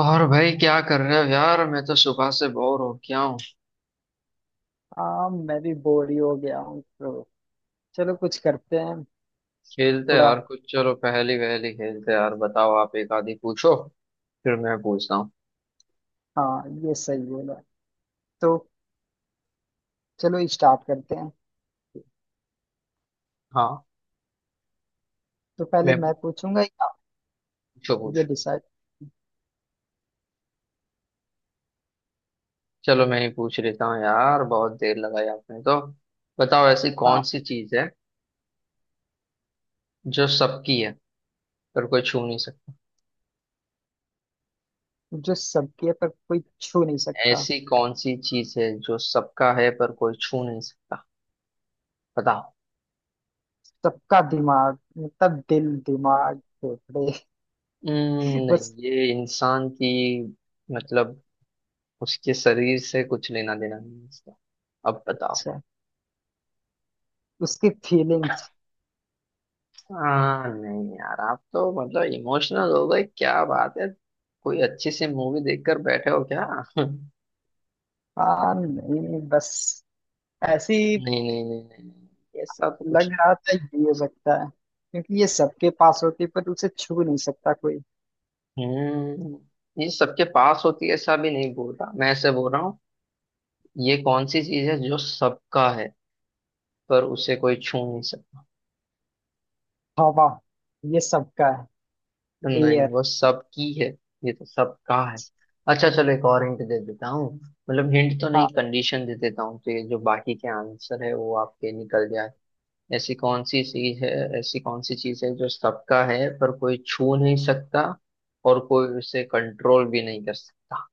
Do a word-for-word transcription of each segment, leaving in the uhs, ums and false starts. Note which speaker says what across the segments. Speaker 1: और भाई क्या कर रहे हो यार, मैं तो सुबह से बोर हो गया हूँ।
Speaker 2: हाँ मैं भी बोर ही हो गया हूँ तो चलो कुछ करते हैं।
Speaker 1: खेलते
Speaker 2: थोड़ा।
Speaker 1: यार कुछ, चलो पहेली वहेली खेलते यार, बताओ आप एक आधी पूछो, फिर मैं पूछता हूँ।
Speaker 2: हाँ ये सही बोला। तो चलो स्टार्ट करते हैं।
Speaker 1: हाँ,
Speaker 2: तो पहले
Speaker 1: मैं
Speaker 2: मैं पूछूंगा या आप?
Speaker 1: पूछो
Speaker 2: ये
Speaker 1: पूछ।
Speaker 2: डिसाइड।
Speaker 1: चलो मैं ही पूछ लेता हूँ यार, बहुत देर लगाई आपने तो। बताओ ऐसी कौन
Speaker 2: हाँ।
Speaker 1: सी चीज है जो सबकी है पर कोई छू नहीं सकता।
Speaker 2: जो सबके है, पर कोई छू नहीं सकता।
Speaker 1: ऐसी कौन सी चीज है जो सबका है पर कोई छू नहीं सकता। बताओ।
Speaker 2: सबका दिमाग मतलब दिल दिमाग फेफड़े।
Speaker 1: हम्म, नहीं
Speaker 2: बस।
Speaker 1: ये इंसान की मतलब उसके शरीर से कुछ लेना देना नहीं है इसका। अब बताओ।
Speaker 2: अच्छा। उसकी फीलिंग्स।
Speaker 1: हाँ नहीं यार, आप तो मतलब इमोशनल हो गए, क्या बात है। कोई अच्छी सी मूवी देखकर बैठे हो क्या। नहीं
Speaker 2: हाँ नहीं बस ऐसे ही
Speaker 1: नहीं नहीं नहीं नहीं, ऐसा तो कुछ
Speaker 2: लग रहा था ये हो सकता है क्योंकि ये सबके पास होती है, पर उसे छू नहीं सकता कोई।
Speaker 1: नहीं। हम्म, ये सबके पास होती है ऐसा भी नहीं बोल रहा मैं, ऐसे बोल रहा हूँ। ये कौन सी चीज है जो सबका है पर उसे कोई छू नहीं सकता।
Speaker 2: हवा ये सबका है।
Speaker 1: नहीं
Speaker 2: ये
Speaker 1: वो सबकी है, ये तो सबका है। अच्छा चलो एक और हिंट दे देता हूँ, मतलब हिंट तो नहीं
Speaker 2: था।
Speaker 1: कंडीशन दे देता हूँ, तो ये जो बाकी के आंसर है वो आपके निकल जाए। ऐसी कौन सी चीज है, ऐसी कौन सी चीज है जो सबका है पर कोई छू नहीं सकता, और कोई उसे कंट्रोल भी नहीं कर सकता।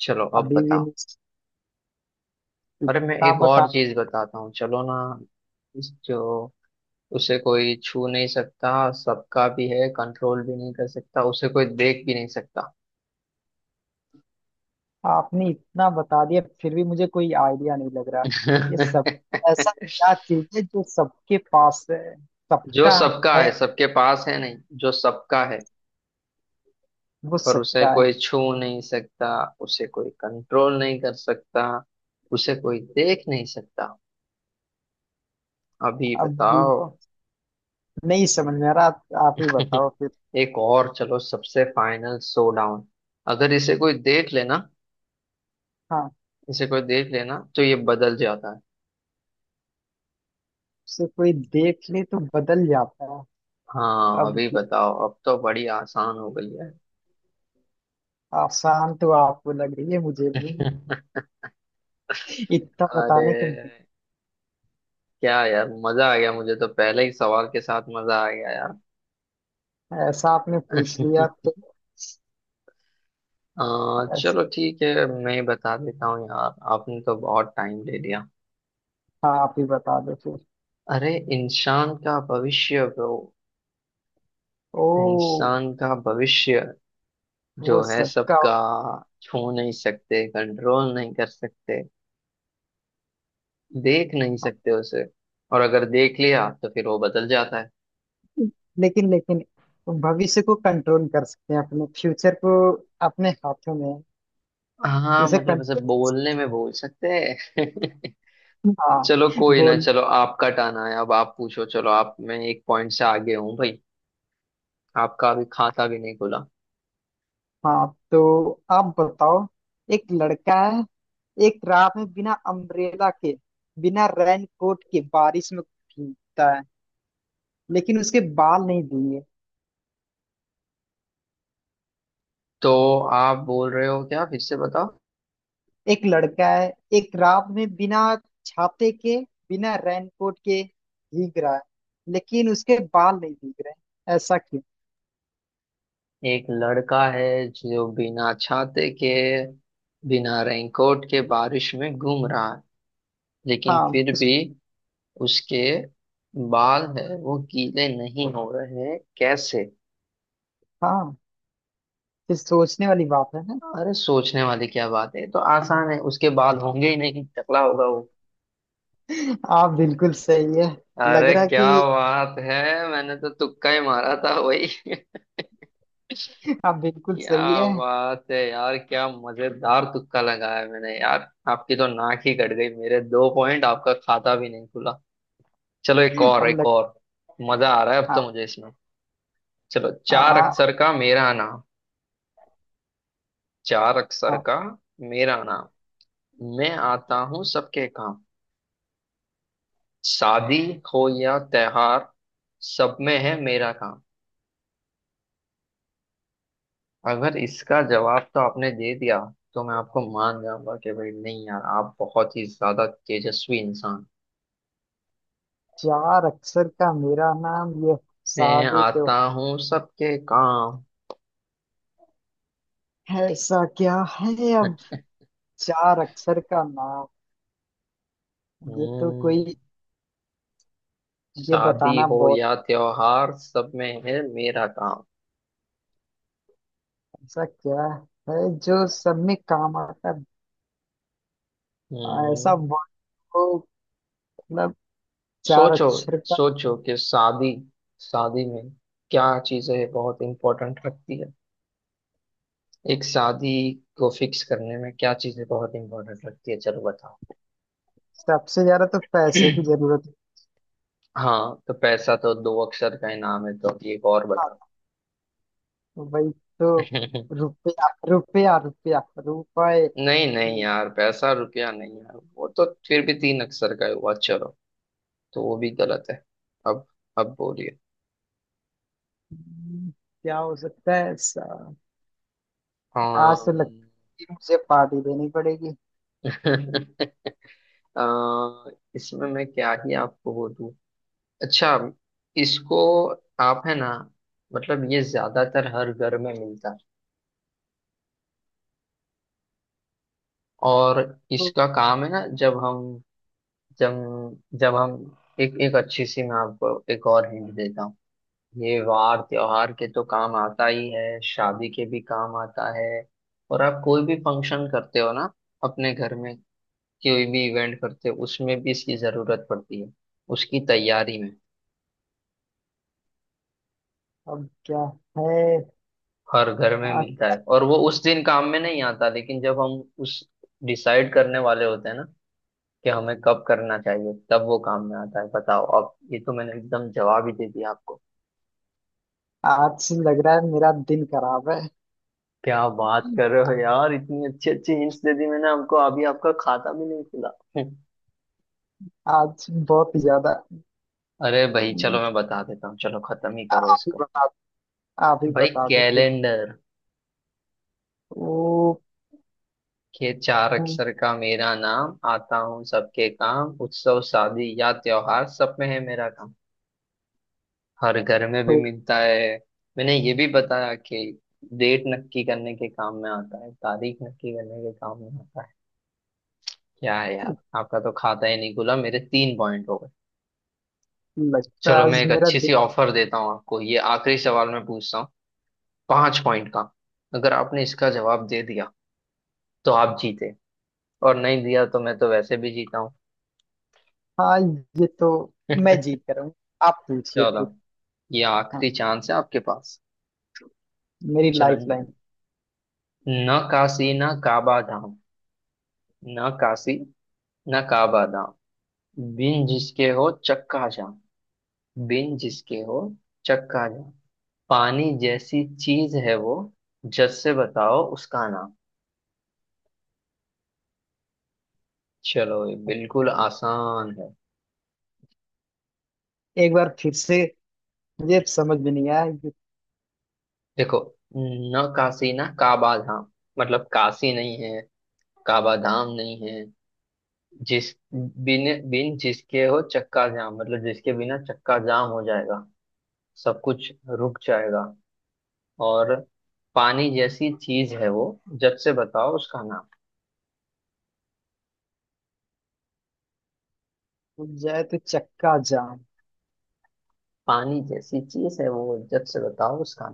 Speaker 1: चलो अब
Speaker 2: अभी भी
Speaker 1: बताओ।
Speaker 2: नहीं।
Speaker 1: अरे मैं
Speaker 2: आप
Speaker 1: एक और
Speaker 2: बता।
Speaker 1: चीज बताता हूँ चलो ना। इस जो उसे कोई छू नहीं सकता, सबका भी है, कंट्रोल भी नहीं कर सकता, उसे कोई देख भी नहीं सकता।
Speaker 2: आपने इतना बता दिया फिर भी मुझे कोई आइडिया नहीं लग रहा। ये सब ऐसा क्या चीज है जो सबके पास है।
Speaker 1: जो
Speaker 2: सबका
Speaker 1: सबका
Speaker 2: है।
Speaker 1: है सबके पास है नहीं, जो सबका है
Speaker 2: वो
Speaker 1: पर उसे
Speaker 2: सबका है।
Speaker 1: कोई छू नहीं सकता, उसे कोई कंट्रोल नहीं कर सकता, उसे कोई देख नहीं सकता। अभी
Speaker 2: अभी
Speaker 1: बताओ।
Speaker 2: नहीं समझ में आ रहा। आप, आप ही बताओ फिर।
Speaker 1: एक और चलो, सबसे फाइनल सो डाउन। अगर इसे कोई देख लेना
Speaker 2: हाँ।
Speaker 1: इसे कोई देख लेना तो ये बदल जाता है।
Speaker 2: उसे कोई देख ले तो बदल जाता है।
Speaker 1: हाँ
Speaker 2: अब
Speaker 1: अभी
Speaker 2: क्या।
Speaker 1: बताओ, अब तो बड़ी आसान हो गई है।
Speaker 2: आसान तो आपको लग रही है मुझे भी इतना
Speaker 1: अरे
Speaker 2: बताने के बाद।
Speaker 1: क्या यार, मजा आ गया, मुझे तो पहले ही सवाल के साथ मजा आ गया यार।
Speaker 2: ऐसा आपने पूछ लिया तो।
Speaker 1: आ,
Speaker 2: ऐस-
Speaker 1: चलो ठीक है, मैं बता देता हूँ यार, आपने तो बहुत टाइम ले लिया।
Speaker 2: हाँ आप ही बता दो फिर।
Speaker 1: अरे इंसान का भविष्य ब्रो,
Speaker 2: ओ।
Speaker 1: इंसान का भविष्य,
Speaker 2: वो
Speaker 1: जो है
Speaker 2: सबका होगा।
Speaker 1: सबका, छू नहीं सकते, कंट्रोल नहीं कर सकते, देख नहीं सकते उसे, और अगर देख लिया तो फिर वो बदल जाता है।
Speaker 2: लेकिन लेकिन भविष्य को कंट्रोल कर सकते हैं। अपने फ्यूचर को अपने हाथों में है।
Speaker 1: हाँ
Speaker 2: उसे
Speaker 1: मतलब ऐसे
Speaker 2: कंट्रोल।
Speaker 1: बोलने में बोल सकते हैं।
Speaker 2: हाँ
Speaker 1: चलो कोई ना,
Speaker 2: बोल।
Speaker 1: चलो आपका टर्न आया, अब आप पूछो, चलो आप, मैं एक पॉइंट से आगे हूँ भाई, आपका अभी खाता भी नहीं खुला।
Speaker 2: हाँ तो आप बताओ। एक लड़का है एक रात में बिना अम्ब्रेला के बिना रेन कोट के बारिश में भीगता है लेकिन उसके बाल नहीं भीगे।
Speaker 1: तो आप बोल रहे हो क्या, फिर से बताओ।
Speaker 2: एक लड़का है एक रात में बिना छाते के बिना रेन कोट के भीग रहा है लेकिन उसके बाल नहीं भीग रहे। ऐसा क्यों।
Speaker 1: एक लड़का है जो बिना छाते के, बिना रेनकोट के बारिश में घूम रहा है, लेकिन
Speaker 2: हाँ
Speaker 1: फिर
Speaker 2: इस।
Speaker 1: भी उसके बाल है वो गीले नहीं हो रहे, कैसे।
Speaker 2: हाँ ये सोचने वाली बात है ना।
Speaker 1: अरे सोचने वाली क्या बात है, ये तो आसान है, उसके बाल होंगे ही नहीं, टकला होगा वो।
Speaker 2: आप बिल्कुल सही है। लग
Speaker 1: अरे
Speaker 2: रहा
Speaker 1: क्या
Speaker 2: कि
Speaker 1: बात है, मैंने तो तुक्का ही मारा था वही।
Speaker 2: आप बिल्कुल सही
Speaker 1: क्या
Speaker 2: है।
Speaker 1: बात है यार, क्या मजेदार तुक्का लगाया मैंने यार, आपकी तो नाक ही कट गई, मेरे दो पॉइंट, आपका खाता भी नहीं खुला। चलो एक और,
Speaker 2: अब
Speaker 1: एक
Speaker 2: लग।
Speaker 1: और, मजा आ रहा है अब तो
Speaker 2: हाँ।
Speaker 1: मुझे इसमें। चलो, चार
Speaker 2: हाँ।
Speaker 1: अक्षर का मेरा नाम, चार अक्षर
Speaker 2: हाँ।
Speaker 1: का मेरा नाम, मैं आता हूँ सबके काम, शादी हो या त्योहार, सब में है मेरा काम। अगर इसका जवाब तो आपने दे दिया तो मैं आपको मान जाऊंगा कि भाई नहीं यार, आप बहुत ही ज्यादा तेजस्वी इंसान।
Speaker 2: चार अक्षर का मेरा नाम ये
Speaker 1: मैं
Speaker 2: साबित हो।
Speaker 1: आता हूँ सबके काम।
Speaker 2: ऐसा क्या है अब। चार अक्षर का नाम ये तो
Speaker 1: हम्म,
Speaker 2: कोई। ये
Speaker 1: शादी
Speaker 2: बताना
Speaker 1: हो
Speaker 2: बहुत।
Speaker 1: या त्योहार सब में है मेरा काम।
Speaker 2: ऐसा क्या है जो सब में काम आता है। ऐसा
Speaker 1: हम्म,
Speaker 2: वर्ड हो मतलब चार
Speaker 1: सोचो,
Speaker 2: अक्षर का।
Speaker 1: सोचो कि शादी शादी में क्या चीजें बहुत इंपॉर्टेंट रखती है, एक शादी को फिक्स करने में क्या चीजें बहुत इंपॉर्टेंट रखती है, चलो बताओ।
Speaker 2: सबसे ज्यादा तो पैसे की जरूरत।
Speaker 1: हाँ तो पैसा तो दो अक्षर का ही नाम है, तो अब एक और बता।
Speaker 2: वही तो। रुपया रुपया रुपया रुपए।
Speaker 1: नहीं नहीं यार, पैसा रुपया नहीं यार, वो तो फिर भी तीन अक्षर का हुआ, चलो तो वो भी गलत है। अब अब बोलिए।
Speaker 2: हम्म, क्या हो सकता है ऐसा। आज तो
Speaker 1: हाँ।
Speaker 2: लगता है मुझे पार्टी देनी पड़ेगी।
Speaker 1: अ, इसमें मैं क्या ही आपको वो दूं। अच्छा, इसको, आप है ना, मतलब ये ज्यादातर हर घर में मिलता है, और
Speaker 2: तो
Speaker 1: इसका काम है ना, जब हम जब जब हम एक एक अच्छी सी, मैं आपको एक और हिंट देता हूँ, ये वार त्योहार के तो काम आता ही है, शादी के भी काम आता है, और आप कोई भी फंक्शन करते हो ना अपने घर में, कोई भी इवेंट करते हो उसमें भी इसकी जरूरत पड़ती है, उसकी तैयारी में।
Speaker 2: अब क्या है।
Speaker 1: हर घर में
Speaker 2: आ,
Speaker 1: मिलता है, और वो उस दिन काम में नहीं आता लेकिन जब हम उस डिसाइड करने वाले होते हैं ना कि हमें कब करना चाहिए, तब वो काम में आता है। बताओ अब, ये तो मैंने एकदम जवाब ही दे दिया आपको।
Speaker 2: आज से लग रहा है मेरा दिन खराब है।
Speaker 1: क्या बात कर रहे हो यार, इतनी अच्छी अच्छी हिंट्स दे दी मैंने आपको, अभी आपका खाता भी नहीं खुला।
Speaker 2: आज बहुत ही ज्यादा।
Speaker 1: अरे भाई,
Speaker 2: हम्म,
Speaker 1: चलो मैं बता देता हूँ, चलो खत्म ही करो
Speaker 2: आप ही
Speaker 1: इसको।
Speaker 2: बता। आप ही
Speaker 1: भाई
Speaker 2: बता दो फिर।
Speaker 1: कैलेंडर
Speaker 2: ओ।
Speaker 1: के, चार
Speaker 2: हम्म,
Speaker 1: अक्षर का मेरा नाम, आता हूँ सबके काम, उत्सव शादी या त्योहार, सब में है मेरा काम। हर घर में भी
Speaker 2: तो
Speaker 1: मिलता है। मैंने ये भी बताया कि डेट नक्की करने के काम में आता है, तारीख नक्की करने के काम में आता है। क्या है यार, आपका तो खाता ही नहीं खुला, मेरे तीन पॉइंट हो गए।
Speaker 2: लगता है
Speaker 1: चलो मैं
Speaker 2: आज
Speaker 1: एक
Speaker 2: मेरा
Speaker 1: अच्छी
Speaker 2: दिन।
Speaker 1: सी ऑफर देता हूँ आपको, ये आखिरी सवाल मैं पूछता हूँ, पांच पॉइंट का। अगर आपने इसका जवाब दे दिया तो आप जीते, और नहीं दिया तो मैं तो वैसे भी जीता हूँ।
Speaker 2: हाँ ये तो। मैं जीत कर रहा हूँ। आप पूछिए
Speaker 1: चलो,
Speaker 2: फिर।
Speaker 1: ये आखिरी
Speaker 2: हाँ
Speaker 1: चांस है आपके पास।
Speaker 2: मेरी
Speaker 1: चलो,
Speaker 2: लाइफ लाइन।
Speaker 1: न काशी न काबा धाम, न काशी न काबा धाम, बिन जिसके हो चक्का जाम, बिन जिसके हो चक्का जाम, पानी जैसी चीज है वो, जस से बताओ उसका नाम। चलो ये बिल्कुल आसान है।
Speaker 2: एक बार फिर से। ये समझ में नहीं आया ये।
Speaker 1: देखो, न काशी ना काबा धाम, मतलब काशी नहीं है, काबा धाम नहीं है, जिस बिन बिन जिसके हो चक्का जाम, मतलब जिसके बिना चक्का जाम हो जाएगा, सब कुछ रुक जाएगा, और पानी जैसी चीज है वो, जब से बताओ उसका नाम।
Speaker 2: टूट जाए तो चक्का जाम।
Speaker 1: पानी जैसी चीज है वो, जब से बताओ उसका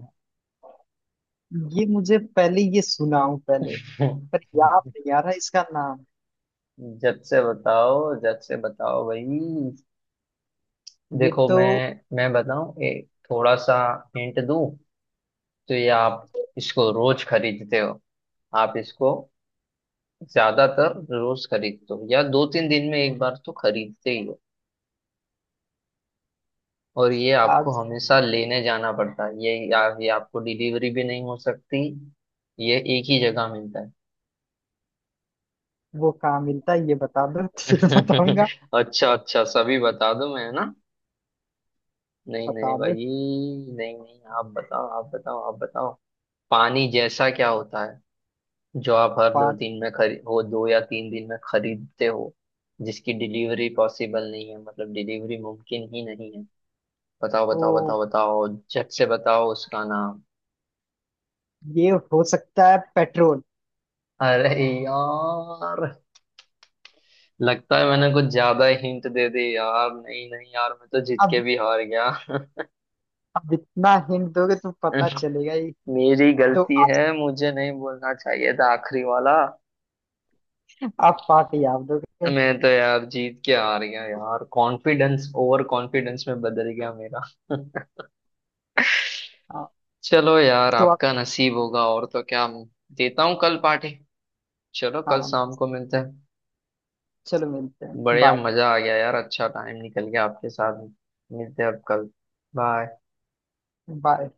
Speaker 2: ये मुझे पहले ये सुना हूं पहले,
Speaker 1: नाम।
Speaker 2: पर याद नहीं आ रहा इसका नाम।
Speaker 1: जब से बताओ, जब से बताओ भाई।
Speaker 2: ये
Speaker 1: देखो
Speaker 2: तो।
Speaker 1: मैं मैं बताऊं एक थोड़ा सा हिंट दूं, तो ये आप इसको रोज खरीदते हो, आप इसको ज्यादातर रोज खरीदते हो या दो तीन दिन में एक बार तो खरीदते ही हो, और ये आपको
Speaker 2: आज
Speaker 1: हमेशा लेने जाना पड़ता है, ये या, ये आपको डिलीवरी भी नहीं हो सकती, ये एक ही जगह मिलता है।
Speaker 2: वो कहाँ मिलता है ये बता दो। फिर बताऊंगा।
Speaker 1: अच्छा अच्छा, सभी बता दो मैं है ना, नहीं नहीं
Speaker 2: बता
Speaker 1: भाई,
Speaker 2: दो।
Speaker 1: नहीं नहीं, आप बताओ, आप बताओ, आप बताओ। पानी जैसा क्या होता है जो आप हर दो
Speaker 2: पान।
Speaker 1: दिन में खरी, वो दो या तीन दिन में खरीदते हो, जिसकी डिलीवरी पॉसिबल नहीं है, मतलब डिलीवरी मुमकिन ही नहीं है। बताओ बताओ
Speaker 2: ओ
Speaker 1: बताओ बताओ, झट से बताओ उसका नाम।
Speaker 2: ये हो सकता है पेट्रोल।
Speaker 1: अरे यार, लगता है मैंने कुछ ज्यादा हिंट दे दी यार, नहीं नहीं यार, मैं तो जीत के
Speaker 2: अब
Speaker 1: भी हार गया।
Speaker 2: अब इतना हिंट दोगे तो पता चलेगा ही।
Speaker 1: मेरी
Speaker 2: तो
Speaker 1: गलती
Speaker 2: आप
Speaker 1: है, मुझे नहीं बोलना चाहिए था आखिरी वाला।
Speaker 2: आप पार्टी आप दोगे।
Speaker 1: मैं तो यार जीत के हार गया यार, कॉन्फिडेंस ओवर कॉन्फिडेंस में बदल गया मेरा।
Speaker 2: हाँ,
Speaker 1: चलो यार,
Speaker 2: तो आप।
Speaker 1: आपका नसीब होगा और तो क्या, देता हूँ कल पार्टी। चलो कल
Speaker 2: हाँ
Speaker 1: शाम को मिलते हैं।
Speaker 2: चलो मिलते हैं।
Speaker 1: बढ़िया,
Speaker 2: बाय
Speaker 1: मजा आ गया यार, अच्छा टाइम निकल गया आपके साथ। मिलते हैं अब कल। बाय।
Speaker 2: बाय।